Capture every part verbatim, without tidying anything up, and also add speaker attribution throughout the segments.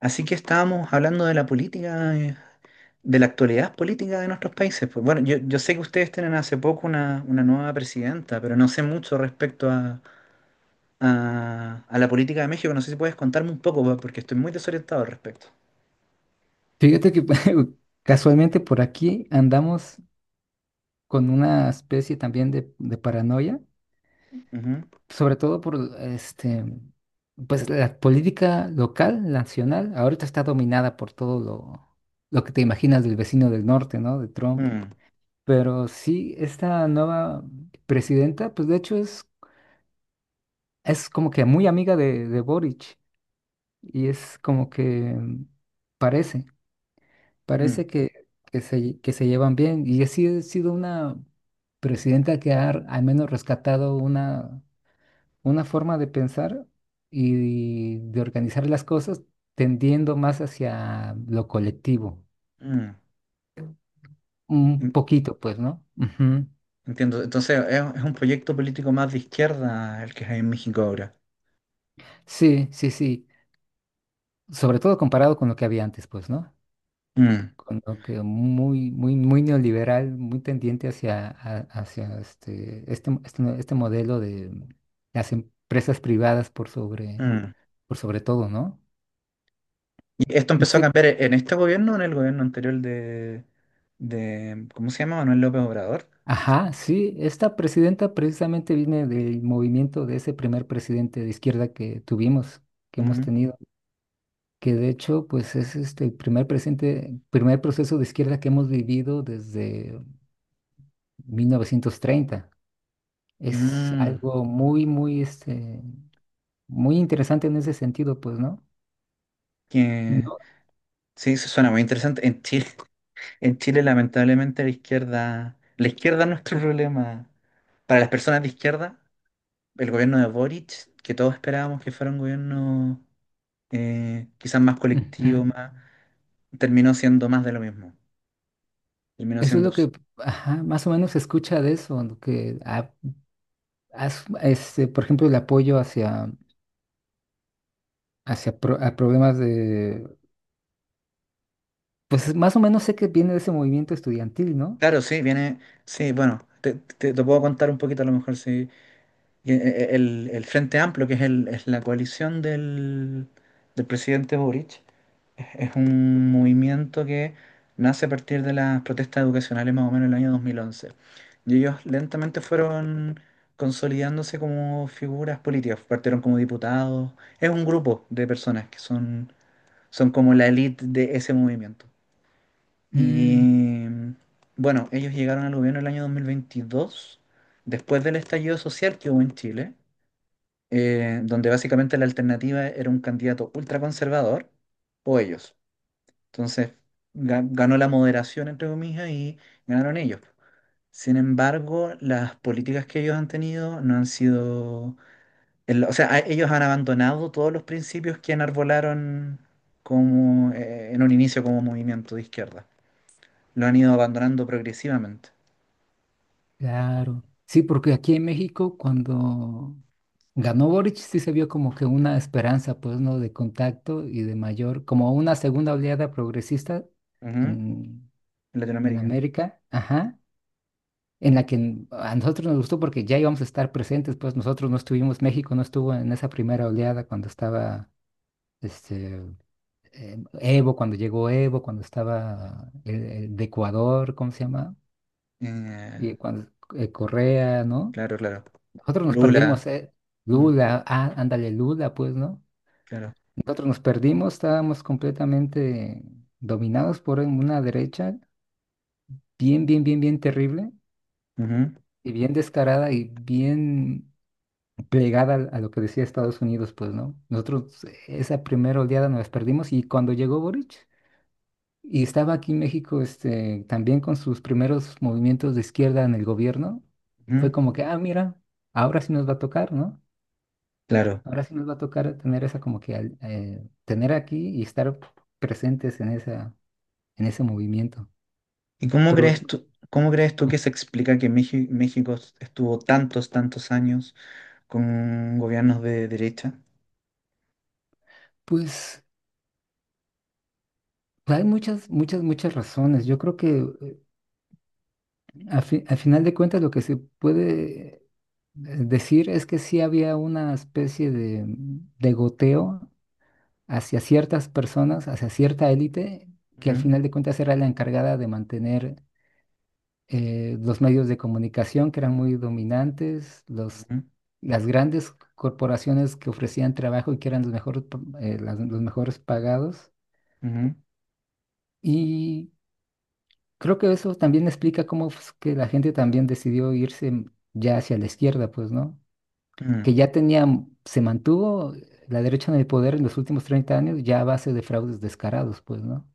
Speaker 1: Así que estábamos hablando de la política, eh, de la actualidad política de nuestros países. Pues bueno, yo, yo sé que ustedes tienen hace poco una, una nueva presidenta, pero no sé mucho respecto a, a- a la política de México. No sé si puedes contarme un poco, po- porque estoy muy desorientado al respecto.
Speaker 2: Fíjate que casualmente por aquí andamos con una especie también de, de paranoia,
Speaker 1: Ujú.
Speaker 2: sobre todo por este, pues la política local, nacional, ahorita está dominada por todo lo, lo que te imaginas del vecino del norte, ¿no? De Trump.
Speaker 1: Mm,
Speaker 2: Pero sí, esta nueva presidenta, pues de hecho es, es como que muy amiga de, de Boric y es como que mm, parece.
Speaker 1: mm,
Speaker 2: Parece que, que se, que se llevan bien, y así ha sido una presidenta que ha r- al menos rescatado una, una forma de pensar y de organizar las cosas, tendiendo más hacia lo colectivo,
Speaker 1: mm.
Speaker 2: un
Speaker 1: En-
Speaker 2: poquito, pues, ¿no? Ujú.
Speaker 1: Entiendo. Entonces, es, es un proyecto político más de izquierda el que hay en México ahora.
Speaker 2: Sí, sí, sí, sobre todo comparado con lo que había antes, pues, ¿no?
Speaker 1: Mm,
Speaker 2: Con lo que muy, muy, muy neoliberal, muy tendiente hacia, a- hacia este, este, este, este modelo de las empresas privadas por sobre,
Speaker 1: mm.
Speaker 2: por sobre todo, ¿no?
Speaker 1: ¿Y esto
Speaker 2: No
Speaker 1: empezó a
Speaker 2: sé.
Speaker 1: cambiar en este gobierno o en el gobierno anterior de, de, ¿cómo se llama? ¿Manuel López Obrador?
Speaker 2: Ajá, sí, esta presidenta precisamente viene del movimiento de ese primer presidente de izquierda que tuvimos, que hemos
Speaker 1: Mm,
Speaker 2: tenido, que de hecho, pues es este el primer presidente, primer proceso de izquierda que hemos vivido desde mil novecientos treinta. Es
Speaker 1: mm,
Speaker 2: algo muy, muy este, muy interesante en ese sentido, pues, ¿no?
Speaker 1: que
Speaker 2: No.
Speaker 1: sí, eso suena muy interesante. En Chile, en Chile, lamentablemente, la izquierda, la izquierda es nuestro problema. Para las personas de izquierda, el gobierno de Boric, que todos esperábamos que fuera un gobierno eh, quizás más
Speaker 2: Ujú.
Speaker 1: colectivo, más, terminó siendo más de lo mismo. Terminó
Speaker 2: Eso es
Speaker 1: siendo.
Speaker 2: lo que, ajá, más o menos se escucha de eso, ¿no? que a- as- este, Por ejemplo, el apoyo hacia, hacia pro- a problemas de, pues más o menos sé que viene de ese movimiento estudiantil, ¿no?
Speaker 1: Claro, sí, viene. Sí, bueno, te, te- te puedo contar un poquito a lo mejor sí. Y, eh, El, el Frente Amplio, que es, el, es la coalición del, del presidente Boric. Es un movimiento que nace a partir de las protestas educacionales más o menos en el año dos mil once. Y ellos lentamente fueron consolidándose como figuras políticas, partieron como diputados. Es un grupo de personas que son, son como la élite de ese movimiento.
Speaker 2: Mm,
Speaker 1: Y bueno, ellos llegaron al gobierno el año dos mil veintidós, después del estallido social que hubo en Chile, eh, donde básicamente la alternativa era un candidato ultraconservador o ellos. Entonces, ga- ganó la moderación, entre comillas, y ganaron ellos. Sin embargo, las políticas que ellos han tenido no han sido... el- O sea, a- ellos han abandonado todos los principios que enarbolaron como, eh, en un inicio como movimiento de izquierda. Lo han ido abandonando progresivamente.
Speaker 2: claro. Sí, porque aquí en México, cuando ganó Boric, sí se vio como que una esperanza, pues, ¿no? De contacto y de mayor, como una segunda oleada progresista
Speaker 1: Ujú.
Speaker 2: en,
Speaker 1: En
Speaker 2: en
Speaker 1: Latinoamérica.
Speaker 2: América, ajá. En la que a nosotros nos gustó porque ya íbamos a estar presentes, pues nosotros no estuvimos, México no estuvo en esa primera oleada cuando estaba este, eh, Evo, cuando llegó Evo, cuando estaba el, el de Ecuador, ¿cómo se llama?
Speaker 1: Eh,
Speaker 2: Y cuando eh, Correa, ¿no?
Speaker 1: claro, claro.
Speaker 2: Nosotros nos
Speaker 1: Lula.
Speaker 2: perdimos, eh,
Speaker 1: Mm,
Speaker 2: Lula, ah, ándale, Lula, pues, ¿no?
Speaker 1: claro.
Speaker 2: Nosotros nos perdimos, estábamos completamente dominados por una derecha bien, bien, bien, bien terrible
Speaker 1: Ujú,
Speaker 2: y bien descarada y bien plegar al- a, lo que decía Estados Unidos, pues, ¿no? Nosotros esa primera oleada nos las perdimos, y cuando llegó Boric y estaba aquí en México, este, también con sus primeros movimientos de izquierda en el gobierno, fue
Speaker 1: ujú,
Speaker 2: como que, ah, mira, ahora sí nos va a tocar, ¿no?
Speaker 1: Claro.
Speaker 2: Ahora sí nos va a tocar tener esa como que, al- eh, tener aquí y estar presentes en esa, en ese movimiento.
Speaker 1: ¿Y cómo
Speaker 2: Pero,
Speaker 1: crees tú, cómo crees tú que se explica que Meji- México estuvo tantos, tantos años con gobiernos de derecha?
Speaker 2: pues, hay muchas, muchas, muchas razones. Yo creo que Al fi- al final de cuentas, lo que se puede eh, decir es que sí había una especie de, de goteo hacia ciertas personas, hacia cierta élite, que al
Speaker 1: Ujú,
Speaker 2: final de cuentas era la encargada de mantener eh, los medios de comunicación que eran muy dominantes, los,
Speaker 1: ujú,
Speaker 2: las grandes corporaciones que ofrecían trabajo y que eran los mejores, los mejores pagados.
Speaker 1: ujú,
Speaker 2: Y creo que eso también explica cómo fue que la gente también decidió irse ya hacia la izquierda, pues, ¿no?
Speaker 1: mm,
Speaker 2: Que ya tenía, se mantuvo la derecha en el poder en los últimos treinta años ya a base de fraudes descarados, pues, ¿no?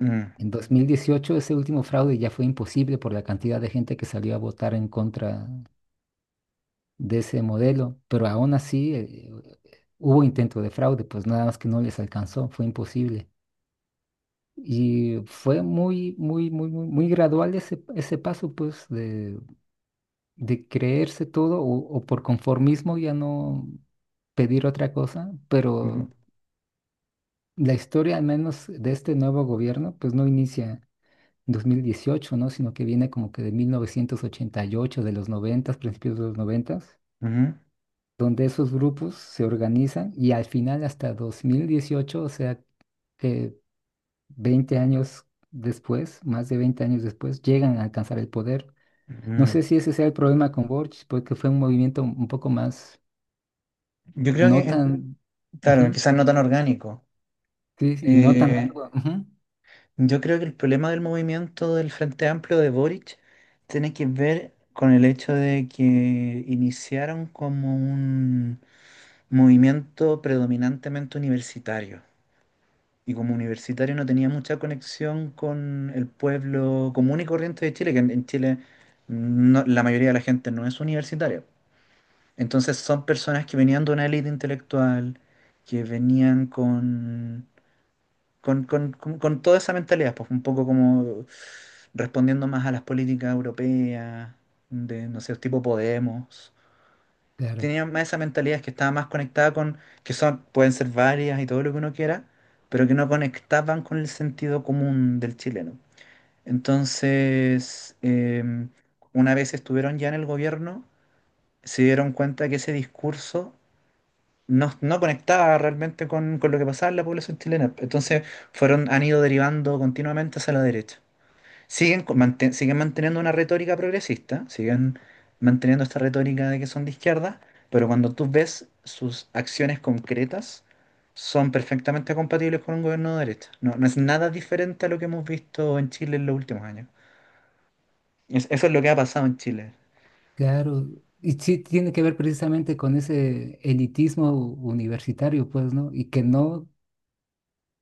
Speaker 1: mm,
Speaker 2: En dos mil dieciocho ese último fraude ya fue imposible por la cantidad de gente que salió a votar en contra de ese modelo, pero aún así eh, hubo intento de fraude, pues nada más que no les alcanzó, fue imposible. Y fue muy, muy, muy, muy, muy gradual ese, ese paso, pues, de, de creerse todo o, o por conformismo ya no pedir otra cosa,
Speaker 1: ujú,
Speaker 2: pero la historia, al menos de este nuevo gobierno, pues no inicia en dos mil dieciocho, ¿no? Sino que viene como que de mil novecientos ochenta y ocho, de los noventa, principios de los noventa,
Speaker 1: ujú,
Speaker 2: donde esos grupos se organizan y al final hasta dos mil dieciocho, o sea, que veinte años después, más de veinte años después, llegan a alcanzar el poder. No
Speaker 1: ujú.
Speaker 2: sé si ese sea el problema con Borch, porque fue un movimiento un poco más,
Speaker 1: Yo creo que,
Speaker 2: no
Speaker 1: en-
Speaker 2: tan,
Speaker 1: claro,
Speaker 2: ujú,
Speaker 1: quizás no tan orgánico.
Speaker 2: sí, y no tan
Speaker 1: Eh,
Speaker 2: largo. Ujú,
Speaker 1: yo creo que el problema del movimiento del Frente Amplio de Boric tiene que ver con el hecho de que iniciaron como un movimiento predominantemente universitario. Y como universitario no tenía mucha conexión con el pueblo común y corriente de Chile, que en en Chile no- la mayoría de la gente no es universitaria. Entonces son personas que venían de una élite intelectual, que venían con, con, con- con- con toda esa mentalidad, pues un poco como respondiendo más a las políticas europeas, de, no sé, tipo Podemos
Speaker 2: claro.
Speaker 1: tenían más esa mentalidad, que estaba más conectada con, que son, pueden ser varias y todo lo que uno quiera, pero que no conectaban con el sentido común del chileno. Entonces, eh, una vez estuvieron ya en el gobierno, se dieron cuenta que ese discurso no, no conectaba realmente con, con lo que pasaba en la población chilena. Entonces, fueron, han ido derivando continuamente hacia la derecha. Siguen, con- manten- siguen manteniendo una retórica progresista, siguen manteniendo esta retórica de que son de izquierda, pero cuando tú ves sus acciones concretas, son perfectamente compatibles con un gobierno de derecha. No, no es nada diferente a lo que hemos visto en Chile en los últimos años. Es- eso es lo que ha pasado en Chile,
Speaker 2: Claro, y sí tiene que ver precisamente con ese elitismo u- universitario, pues, ¿no? Y que no,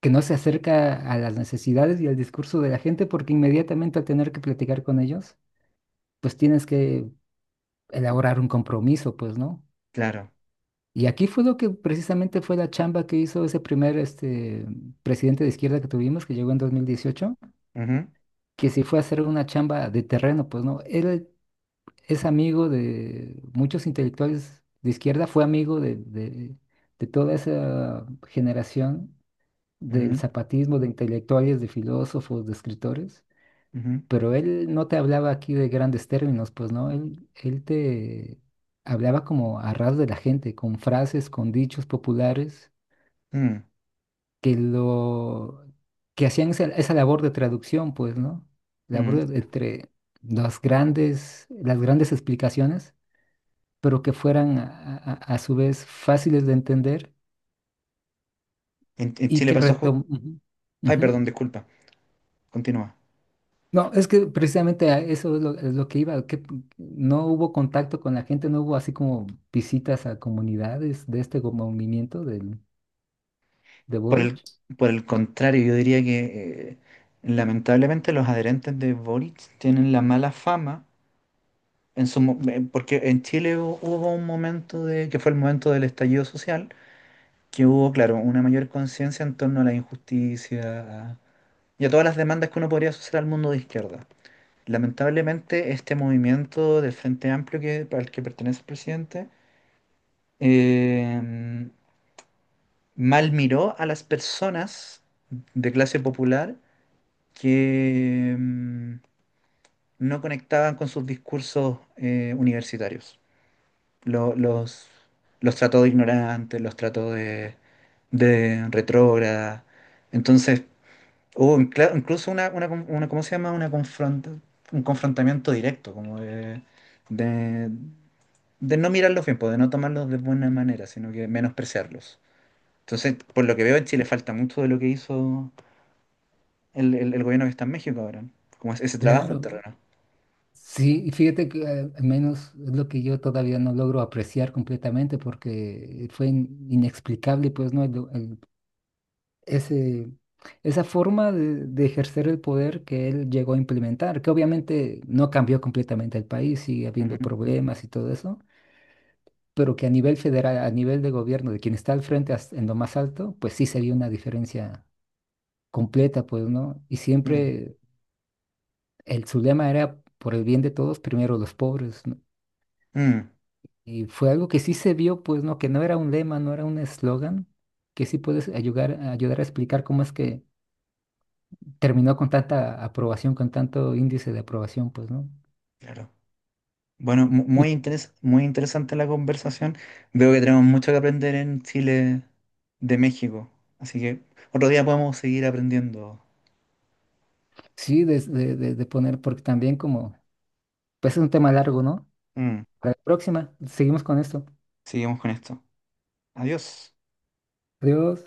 Speaker 2: que no se acerca a las necesidades y al discurso de la gente, porque inmediatamente al tener que platicar con ellos, pues tienes que elaborar un compromiso, pues, ¿no?
Speaker 1: claro.
Speaker 2: Y aquí fue lo que precisamente fue la chamba que hizo ese primer este, presidente de izquierda que tuvimos, que llegó en dos mil dieciocho,
Speaker 1: Ujú,
Speaker 2: que sí fue a hacer una chamba de terreno, pues, ¿no? Él es amigo de muchos intelectuales de izquierda, fue amigo de, de- de toda esa generación
Speaker 1: ujú,
Speaker 2: del zapatismo, de intelectuales, de filósofos, de escritores,
Speaker 1: ujú,
Speaker 2: pero él no te hablaba aquí de grandes términos, pues no, él, él te hablaba como a ras de la gente, con frases, con dichos populares
Speaker 1: mm,
Speaker 2: que lo que hacían esa, esa labor de traducción, pues, ¿no?
Speaker 1: mm.
Speaker 2: Labor de- entre las grandes, las grandes explicaciones, pero que fueran a, a- a su vez fáciles de entender
Speaker 1: En, en
Speaker 2: y
Speaker 1: Chile
Speaker 2: que
Speaker 1: pasó... ju-
Speaker 2: retom... Ujú,
Speaker 1: Ay,
Speaker 2: ujú.
Speaker 1: perdón, disculpa. Continúa.
Speaker 2: No, es que precisamente a eso es lo, es lo que iba, que p- no hubo contacto con la gente, no hubo así como visitas a comunidades de este go- movimiento del, de
Speaker 1: Por el,
Speaker 2: Boric.
Speaker 1: por el contrario, yo diría que eh, lamentablemente los adherentes de Boric tienen la mala fama en su, mo- eh, porque en Chile hu- hubo un momento de, que fue el momento del estallido social, que hubo, claro, una mayor conciencia en torno a la injusticia y a todas las demandas que uno podría asociar al mundo de izquierda. Lamentablemente, este movimiento del Frente Amplio que, al que pertenece el presidente eh, mal miró a las personas de clase popular que mm, no conectaban con sus discursos eh, universitarios. Lo- los, los trató de ignorantes, los trató de, de retrógrada. Entonces, hubo incla- incluso una, una, con- una- ¿cómo se llama? Una confronta, un confrontamiento directo, como de, de, de no mirarlos bien, pues, de no tomarlos de buena manera, sino que menospreciarlos. Entonces, por lo que veo, en Chile falta mucho de lo que hizo el, el- el gobierno que está en México ahora, como es- ese trabajo en
Speaker 2: Claro,
Speaker 1: terreno.
Speaker 2: sí, y fíjate que eh, al menos es lo que yo todavía no logro apreciar completamente porque fue in- inexplicable, pues no, el, ese, esa forma de, de ejercer el poder que él llegó a implementar, que obviamente no cambió completamente el país, sigue habiendo problemas y todo eso, pero que a nivel federal, a nivel de gobierno, de quien está al frente as- en lo más alto, pues sí se vio una diferencia completa, pues, ¿no? Y
Speaker 1: Mm,
Speaker 2: siempre el, su lema era por el bien de todos, primero los pobres, ¿no?
Speaker 1: mm,
Speaker 2: Y fue algo que sí se vio, pues, ¿no? Que no era un lema, no era un eslogan, que sí puedes ayudar, ayudar a explicar cómo es que terminó con tanta aprobación, con tanto índice de aprobación, pues, ¿no?
Speaker 1: claro. Bueno, mu-
Speaker 2: Mm.
Speaker 1: muy interes- muy interesante la conversación. Veo que tenemos mucho que aprender en Chile de México. Así que otro día podemos seguir aprendiendo.
Speaker 2: Sí, de, de- de- de poner, porque también como, pues es un tema largo, ¿no?
Speaker 1: Mm,
Speaker 2: Para la próxima, seguimos con esto.
Speaker 1: seguimos con esto. Adiós.
Speaker 2: Adiós.